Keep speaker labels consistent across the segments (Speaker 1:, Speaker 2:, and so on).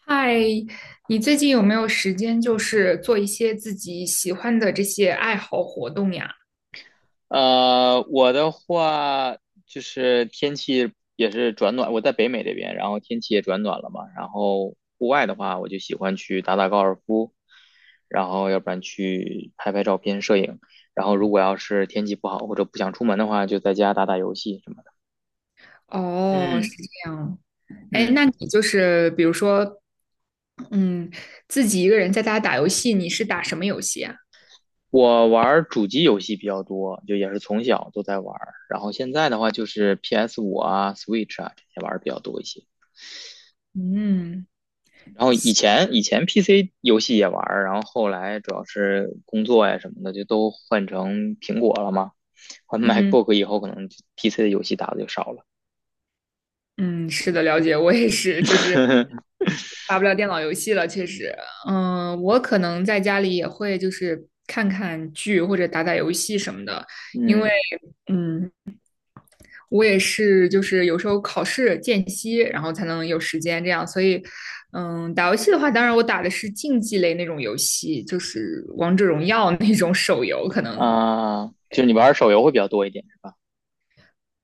Speaker 1: 嗨，你最近有没有时间，就是做一些自己喜欢的这些爱好活动呀？
Speaker 2: 我的话就是天气也是转暖，我在北美这边，然后天气也转暖了嘛。然后户外的话，我就喜欢去打打高尔夫，然后要不然去拍拍照片、摄影。然后如果要是天气不好或者不想出门的话，就在家打打游戏什么的。
Speaker 1: 哦，是
Speaker 2: 嗯
Speaker 1: 这样。哎，
Speaker 2: 嗯，
Speaker 1: 那你就是比如说，嗯，自己一个人在家打游戏，你是打什么游戏啊？
Speaker 2: 我玩儿主机游戏比较多，就也是从小都在玩儿。然后现在的话就是 PS5啊、Switch 啊这些玩儿比较多一些。
Speaker 1: 嗯
Speaker 2: 然后以前 PC 游戏也玩。然后后来主要是工作呀什么的，就都换成苹果了嘛。换
Speaker 1: 嗯
Speaker 2: MacBook 以后，可能 PC 的游戏打的就少了。
Speaker 1: 嗯，是的，了解，我也是，就是 打不了电脑游戏了，确实。嗯，我可能在家里也会就是看看剧或者打打游戏什么的，因为
Speaker 2: 嗯
Speaker 1: 嗯，我也是，就是有时候考试间隙，然后才能有时间这样。所以，打游戏的话，当然我打的是竞技类那种游戏，就是王者荣耀那种手游，可能
Speaker 2: 啊，就是你玩手游会比较多一点，是吧？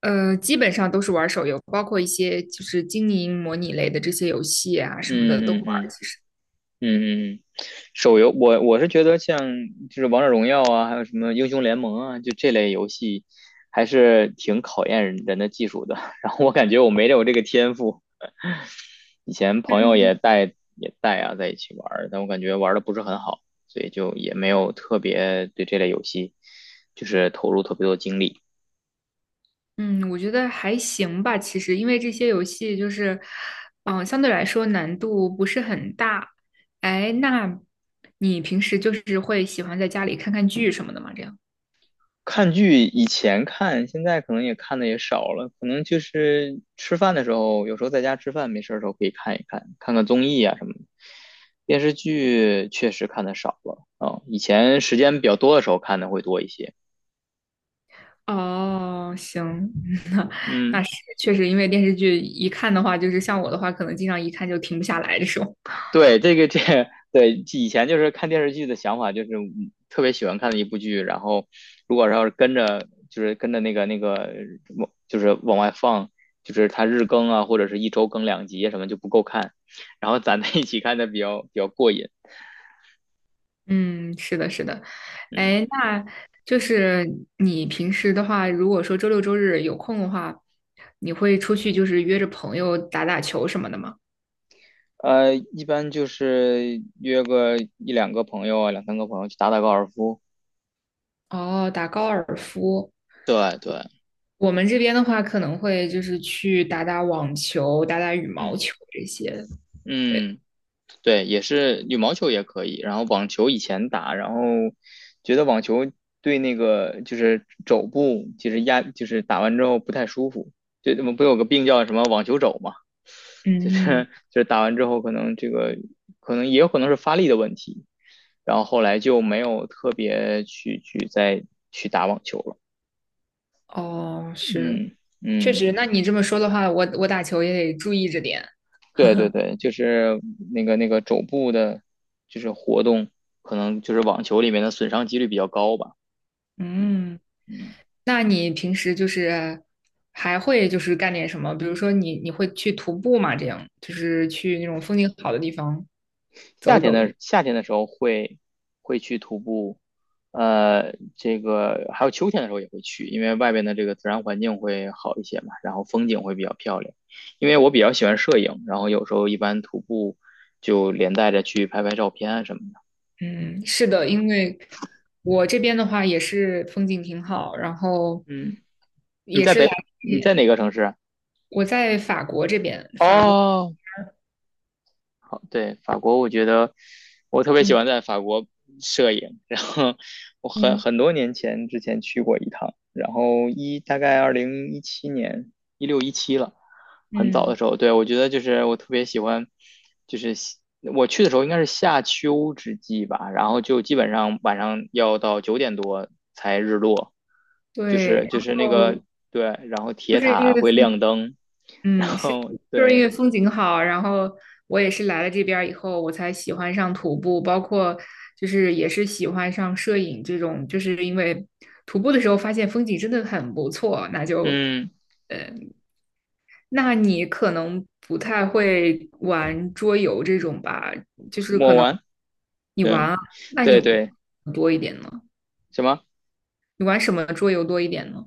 Speaker 1: 基本上都是玩手游，包括一些就是经营模拟类的这些游戏啊什么的都
Speaker 2: 嗯嗯
Speaker 1: 玩。
Speaker 2: 嗯嗯嗯，手游我是觉得像就是王者荣耀啊，还有什么英雄联盟啊，就这类游戏还是挺考验人的技术的。然后我感觉我没有这个天赋，以前朋友
Speaker 1: 嗯
Speaker 2: 也带啊，在一起玩。但我感觉玩的不是很好，所以就也没有特别对这类游戏就是投入特别多精力。
Speaker 1: 嗯，我觉得还行吧，其实因为这些游戏就是，相对来说难度不是很大。哎，那你平时就是会喜欢在家里看看剧什么的吗？这样？
Speaker 2: 看剧以前看，现在可能也看的也少了，可能就是吃饭的时候，有时候在家吃饭没事儿的时候可以看一看，看看综艺啊什么的。电视剧确实看的少了啊，以前时间比较多的时候看的会多一些。
Speaker 1: 哦，行，那那
Speaker 2: 嗯，
Speaker 1: 是确实，因为电视剧一看的话，就是像我的话，可能经常一看就停不下来这种。
Speaker 2: 对，这个 对以前就是看电视剧的想法，就是特别喜欢看的一部剧，然后如果要是跟着就是跟着那个往就是往外放，就是它日更啊，或者是一周更2集啊什么就不够看，然后攒在一起看的比较过瘾，
Speaker 1: 嗯，是的，是的。
Speaker 2: 嗯。
Speaker 1: 哎，那就是你平时的话，如果说周六周日有空的话，你会出去就是约着朋友打打球什么的吗？
Speaker 2: 一般就是约个一两个朋友啊，两三个朋友去打打高尔夫。
Speaker 1: 哦，打高尔夫。
Speaker 2: 对对，
Speaker 1: 我们这边的话，可能会就是去打打网球、打打羽毛
Speaker 2: 嗯
Speaker 1: 球这些。对，
Speaker 2: 嗯。对，也是羽毛球也可以，然后网球以前打，然后觉得网球对那个就是肘部，其实就是打完之后不太舒服，就我们不有个病叫什么网球肘嘛，就是
Speaker 1: 嗯。
Speaker 2: 就是打完之后可能这个可能也有可能是发力的问题，然后后来就没有特别去再去打网球了，
Speaker 1: 哦，是，
Speaker 2: 嗯
Speaker 1: 确
Speaker 2: 嗯，
Speaker 1: 实。那你这么说的话，我打球也得注意着点。
Speaker 2: 对对对，就是那个肘部的，就是活动可能就是网球里面的损伤几率比较高吧。嗯。
Speaker 1: 嗯。
Speaker 2: 嗯，
Speaker 1: 那你平时就是还会就是干点什么？比如说你会去徒步吗？这样就是去那种风景好的地方
Speaker 2: 夏
Speaker 1: 走
Speaker 2: 天
Speaker 1: 走。
Speaker 2: 的夏天的时候会去徒步，这个还有秋天的时候也会去，因为外边的这个自然环境会好一些嘛，然后风景会比较漂亮。因为我比较喜欢摄影，然后有时候一般徒步就连带着去拍拍照片啊什么的。
Speaker 1: 嗯，是的，因为我这边的话也是风景挺好，然后
Speaker 2: 嗯，
Speaker 1: 也是来这
Speaker 2: 你在
Speaker 1: 边
Speaker 2: 哪个城市啊？
Speaker 1: 我在法国这边，法国。
Speaker 2: 哦，好，对，法国，我觉得我特别喜
Speaker 1: 嗯
Speaker 2: 欢在法国摄影，然后我很
Speaker 1: 嗯
Speaker 2: 很多年前之前去过一趟，然后大概2017年，一六一七了，很早的
Speaker 1: 嗯，
Speaker 2: 时候，对，我觉得就是我特别喜欢，就是我去的时候应该是夏秋之际吧，然后就基本上晚上要到9点多才日落，就
Speaker 1: 对，
Speaker 2: 是
Speaker 1: 然
Speaker 2: 就是那个
Speaker 1: 后
Speaker 2: 对，然后
Speaker 1: 就
Speaker 2: 铁
Speaker 1: 是因
Speaker 2: 塔
Speaker 1: 为
Speaker 2: 会
Speaker 1: 风
Speaker 2: 亮灯，然
Speaker 1: 是，
Speaker 2: 后
Speaker 1: 就是因
Speaker 2: 对，
Speaker 1: 为风景好，然后我也是来了这边儿以后，我才喜欢上徒步，包括就是也是喜欢上摄影这种，就是因为徒步的时候发现风景真的很不错，那就，
Speaker 2: 嗯，
Speaker 1: 那你可能不太会玩桌游这种吧，就是
Speaker 2: 抹
Speaker 1: 可能
Speaker 2: 完。
Speaker 1: 你玩
Speaker 2: 对，
Speaker 1: 啊，那你
Speaker 2: 对对，
Speaker 1: 多一点呢？
Speaker 2: 什么？
Speaker 1: 你玩什么桌游多一点呢？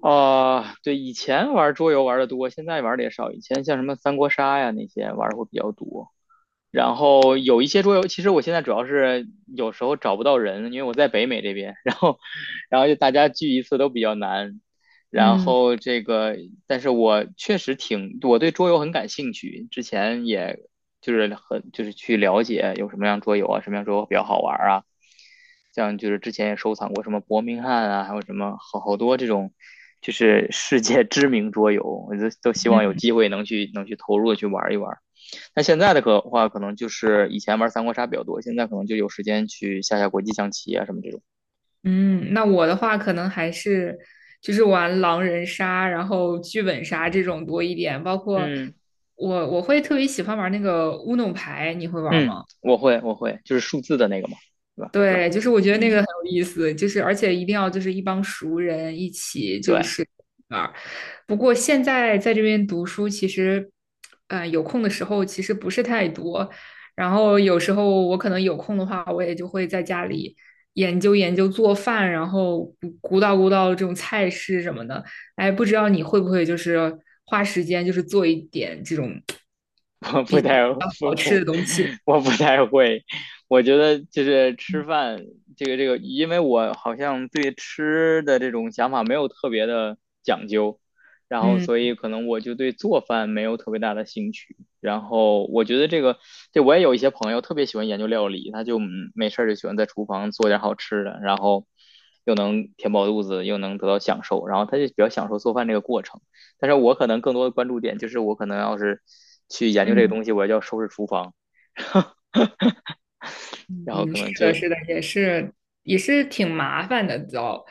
Speaker 2: 啊、对，以前玩桌游玩的多，现在玩的也少。以前像什么三国杀呀那些玩的会比较多，然后有一些桌游，其实我现在主要是有时候找不到人，因为我在北美这边，然后就大家聚一次都比较难。然
Speaker 1: 嗯。
Speaker 2: 后这个，但是我确实挺，我对桌游很感兴趣，之前也就是很就是去了解有什么样桌游啊，什么样桌游比较好玩啊，像就是之前也收藏过什么伯明翰啊，还有什么好多这种，就是世界 知名桌游，我都希望有机会能去投入的去玩一玩。那现在的可话，可能就是以前玩三国杀比较多，现在可能就有时间去下下国际象棋啊什么这种。
Speaker 1: 嗯，那我的话可能还是就是玩狼人杀，然后剧本杀这种多一点，包括
Speaker 2: 嗯
Speaker 1: 我会特别喜欢玩那个乌弄牌，你会玩
Speaker 2: 嗯，
Speaker 1: 吗？
Speaker 2: 我会我会，就是数字的那个嘛，对吧？
Speaker 1: 对，就是我觉得那个
Speaker 2: 嗯，
Speaker 1: 很有意思，就是而且一定要就是一帮熟人一起就
Speaker 2: 对。
Speaker 1: 是玩儿。不过现在在这边读书，其实，有空的时候其实不是太多。然后有时候我可能有空的话，我也就会在家里研究研究做饭，然后鼓捣鼓捣这种菜式什么的。哎，不知道你会不会就是花时间就是做一点这种
Speaker 2: 我不
Speaker 1: 比较
Speaker 2: 太不
Speaker 1: 好
Speaker 2: 我
Speaker 1: 吃的东西？
Speaker 2: 我不太会，我觉得就是吃饭这个，因为我好像对吃的这种想法没有特别的讲究，然后
Speaker 1: 嗯
Speaker 2: 所以可能我就对做饭没有特别大的兴趣。然后我觉得这个，这我也有一些朋友特别喜欢研究料理，他就没事儿就喜欢在厨房做点好吃的，然后又能填饱肚子，又能得到享受，然后他就比较享受做饭这个过程。但是我可能更多的关注点就是我可能要是去研究这个
Speaker 1: 嗯。
Speaker 2: 东西，我要收拾厨房，然后
Speaker 1: 嗯，
Speaker 2: 可能
Speaker 1: 是的，
Speaker 2: 就
Speaker 1: 是的，也是挺麻烦的，知糟。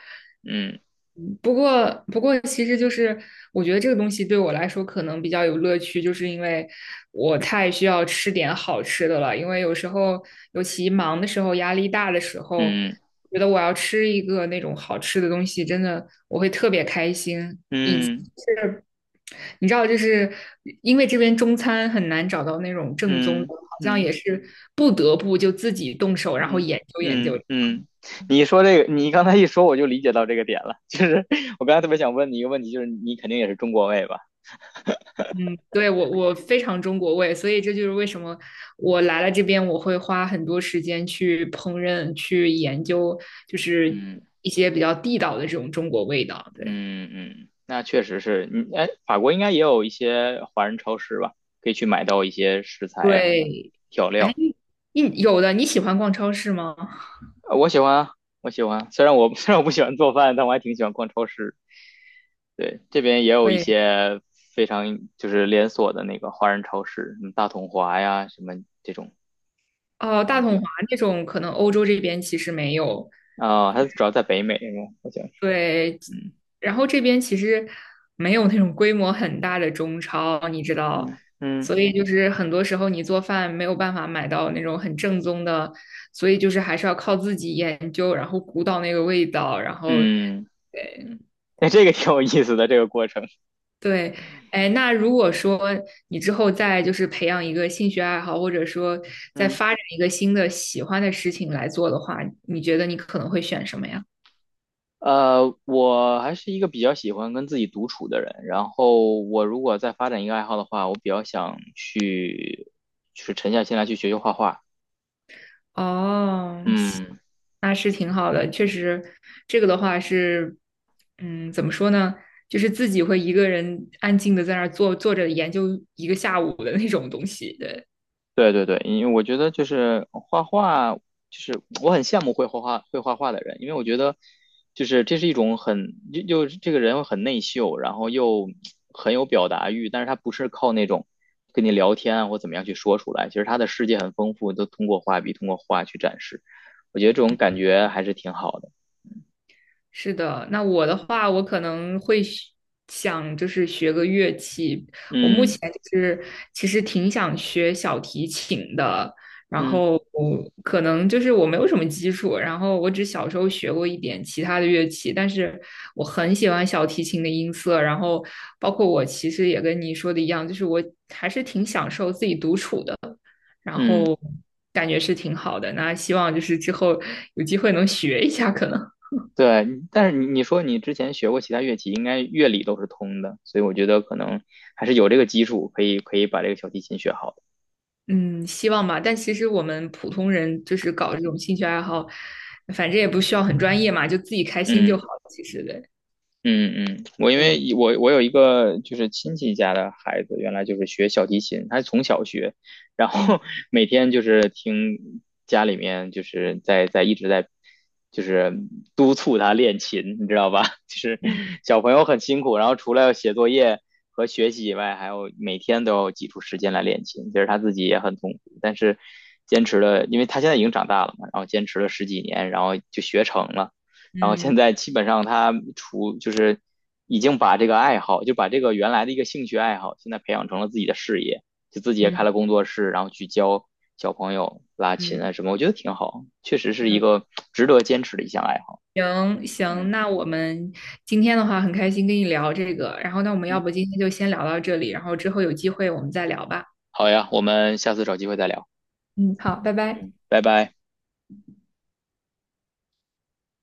Speaker 2: 嗯
Speaker 1: 嗯不过，不过，其实就是我觉得这个东西对我来说可能比较有乐趣，就是因为我太需要吃点好吃的了。因为有时候，尤其忙的时候、压力大的时候，
Speaker 2: 嗯
Speaker 1: 觉得我要吃一个那种好吃的东西，真的我会特别开心。
Speaker 2: 嗯
Speaker 1: 你知道，就是因为这边中餐很难找到那种正宗的，
Speaker 2: 嗯
Speaker 1: 好像也
Speaker 2: 嗯
Speaker 1: 是不得不就自己动手，然后
Speaker 2: 嗯
Speaker 1: 研究研究。
Speaker 2: 嗯嗯，你说这个，你刚才一说我就理解到这个点了，就是我刚才特别想问你一个问题，就是你肯定也是中国胃吧？
Speaker 1: 嗯，对，我非常中国味，所以这就是为什么我来了这边，我会花很多时间去烹饪、去研究，就是
Speaker 2: 嗯
Speaker 1: 一些比较地道的这种中国味道。对
Speaker 2: 嗯嗯，那确实是，嗯，哎，法国应该也有一些华人超市吧，可以去买到一些食材啊什么
Speaker 1: 对，
Speaker 2: 调
Speaker 1: 哎，
Speaker 2: 料。
Speaker 1: 你有的你喜欢逛超市吗？
Speaker 2: 我喜欢啊，我喜欢啊。虽然我 虽然我不喜欢做饭，但我还挺喜欢逛超市。对，这边也有一
Speaker 1: 会
Speaker 2: 些非常就是连锁的那个华人超市，什么大统华呀，什么这种。
Speaker 1: 哦，
Speaker 2: 然后
Speaker 1: 大统
Speaker 2: 就，
Speaker 1: 华那种可能欧洲这边其实没有，
Speaker 2: 哦，它主要在北美，好像是。
Speaker 1: 对，
Speaker 2: 嗯
Speaker 1: 然后这边其实没有那种规模很大的中超，你知道，
Speaker 2: 嗯嗯
Speaker 1: 所以就是很多时候你做饭没有办法买到那种很正宗的，所以就是还是要靠自己研究，然后鼓捣那个味道，然后
Speaker 2: 嗯，那这个挺有意思的这个过程。
Speaker 1: 对，哎，那如果说你之后再就是培养一个兴趣爱好，或者说再
Speaker 2: 嗯。
Speaker 1: 发展一个新的喜欢的事情来做的话，你觉得你可能会选什么呀？
Speaker 2: 我还是一个比较喜欢跟自己独处的人。然后，我如果再发展一个爱好的话，我比较想去，就是沉下心来去学学画画。
Speaker 1: 哦，是
Speaker 2: 嗯，
Speaker 1: 那是挺好的，确实，这个的话是，嗯，怎么说呢？就是自己会一个人安静的在那儿坐着研究一个下午的那种东西。对，
Speaker 2: 对对对，因为我觉得就是画画，就是我很羡慕会画画的人，因为我觉得就是这是一种很又这个人很内秀，然后又很有表达欲，但是他不是靠那种跟你聊天啊或怎么样去说出来，其实他的世界很丰富，都通过画笔通过画去展示，我觉得这种感觉还是挺好的。
Speaker 1: 是的。那我的话，我可能会学想就是学个乐器，
Speaker 2: 嗯
Speaker 1: 前就是其实挺想学小提琴的，然
Speaker 2: 嗯
Speaker 1: 后可能就是我没有什么基础，然后我只小时候学过一点其他的乐器，但是我很喜欢小提琴的音色，然后包括我其实也跟你说的一样，就是我还是挺享受自己独处的，然
Speaker 2: 嗯。
Speaker 1: 后感觉是挺好的。那希望就是之后有机会能学一下，可能。
Speaker 2: 对，但是你说你之前学过其他乐器，应该乐理都是通的，所以我觉得可能还是有这个基础，可以把这个小提琴学好的。
Speaker 1: 嗯，希望吧。但其实我们普通人就是搞这种兴趣爱好，反正也不需要很专业嘛，就自己开心就
Speaker 2: 嗯。
Speaker 1: 好了其实对，
Speaker 2: 嗯嗯，我因
Speaker 1: 对
Speaker 2: 为我我有一个就是亲戚家的孩子，原来就是学小提琴，他从小学，然
Speaker 1: 嗯
Speaker 2: 后 每天就是听家里面就是在一直在就是督促他练琴，你知道吧？就是小朋友很辛苦，然后除了写作业和学习以外，还有每天都要挤出时间来练琴，其实他自己也很痛苦，但是坚持了，因为他现在已经长大了嘛，然后坚持了十几年，然后就学成了。然后现
Speaker 1: 嗯
Speaker 2: 在基本上他除就是已经把这个爱好，就把这个原来的一个兴趣爱好，现在培养成了自己的事业，就自己也
Speaker 1: 嗯
Speaker 2: 开
Speaker 1: 嗯
Speaker 2: 了工作室，然后去教小朋友拉琴
Speaker 1: 嗯，
Speaker 2: 啊什么，我觉得挺好，确实是
Speaker 1: 对，
Speaker 2: 一个值得坚持的一项爱好。
Speaker 1: 行
Speaker 2: 嗯
Speaker 1: 行。那我们今天的话很开心跟你聊这个，然后那我们要
Speaker 2: 嗯，
Speaker 1: 不今天就先聊到这里，然后之后有机会我们再聊吧。
Speaker 2: 好呀，我们下次找机会再聊。
Speaker 1: 嗯，好，拜拜。
Speaker 2: 嗯，拜拜。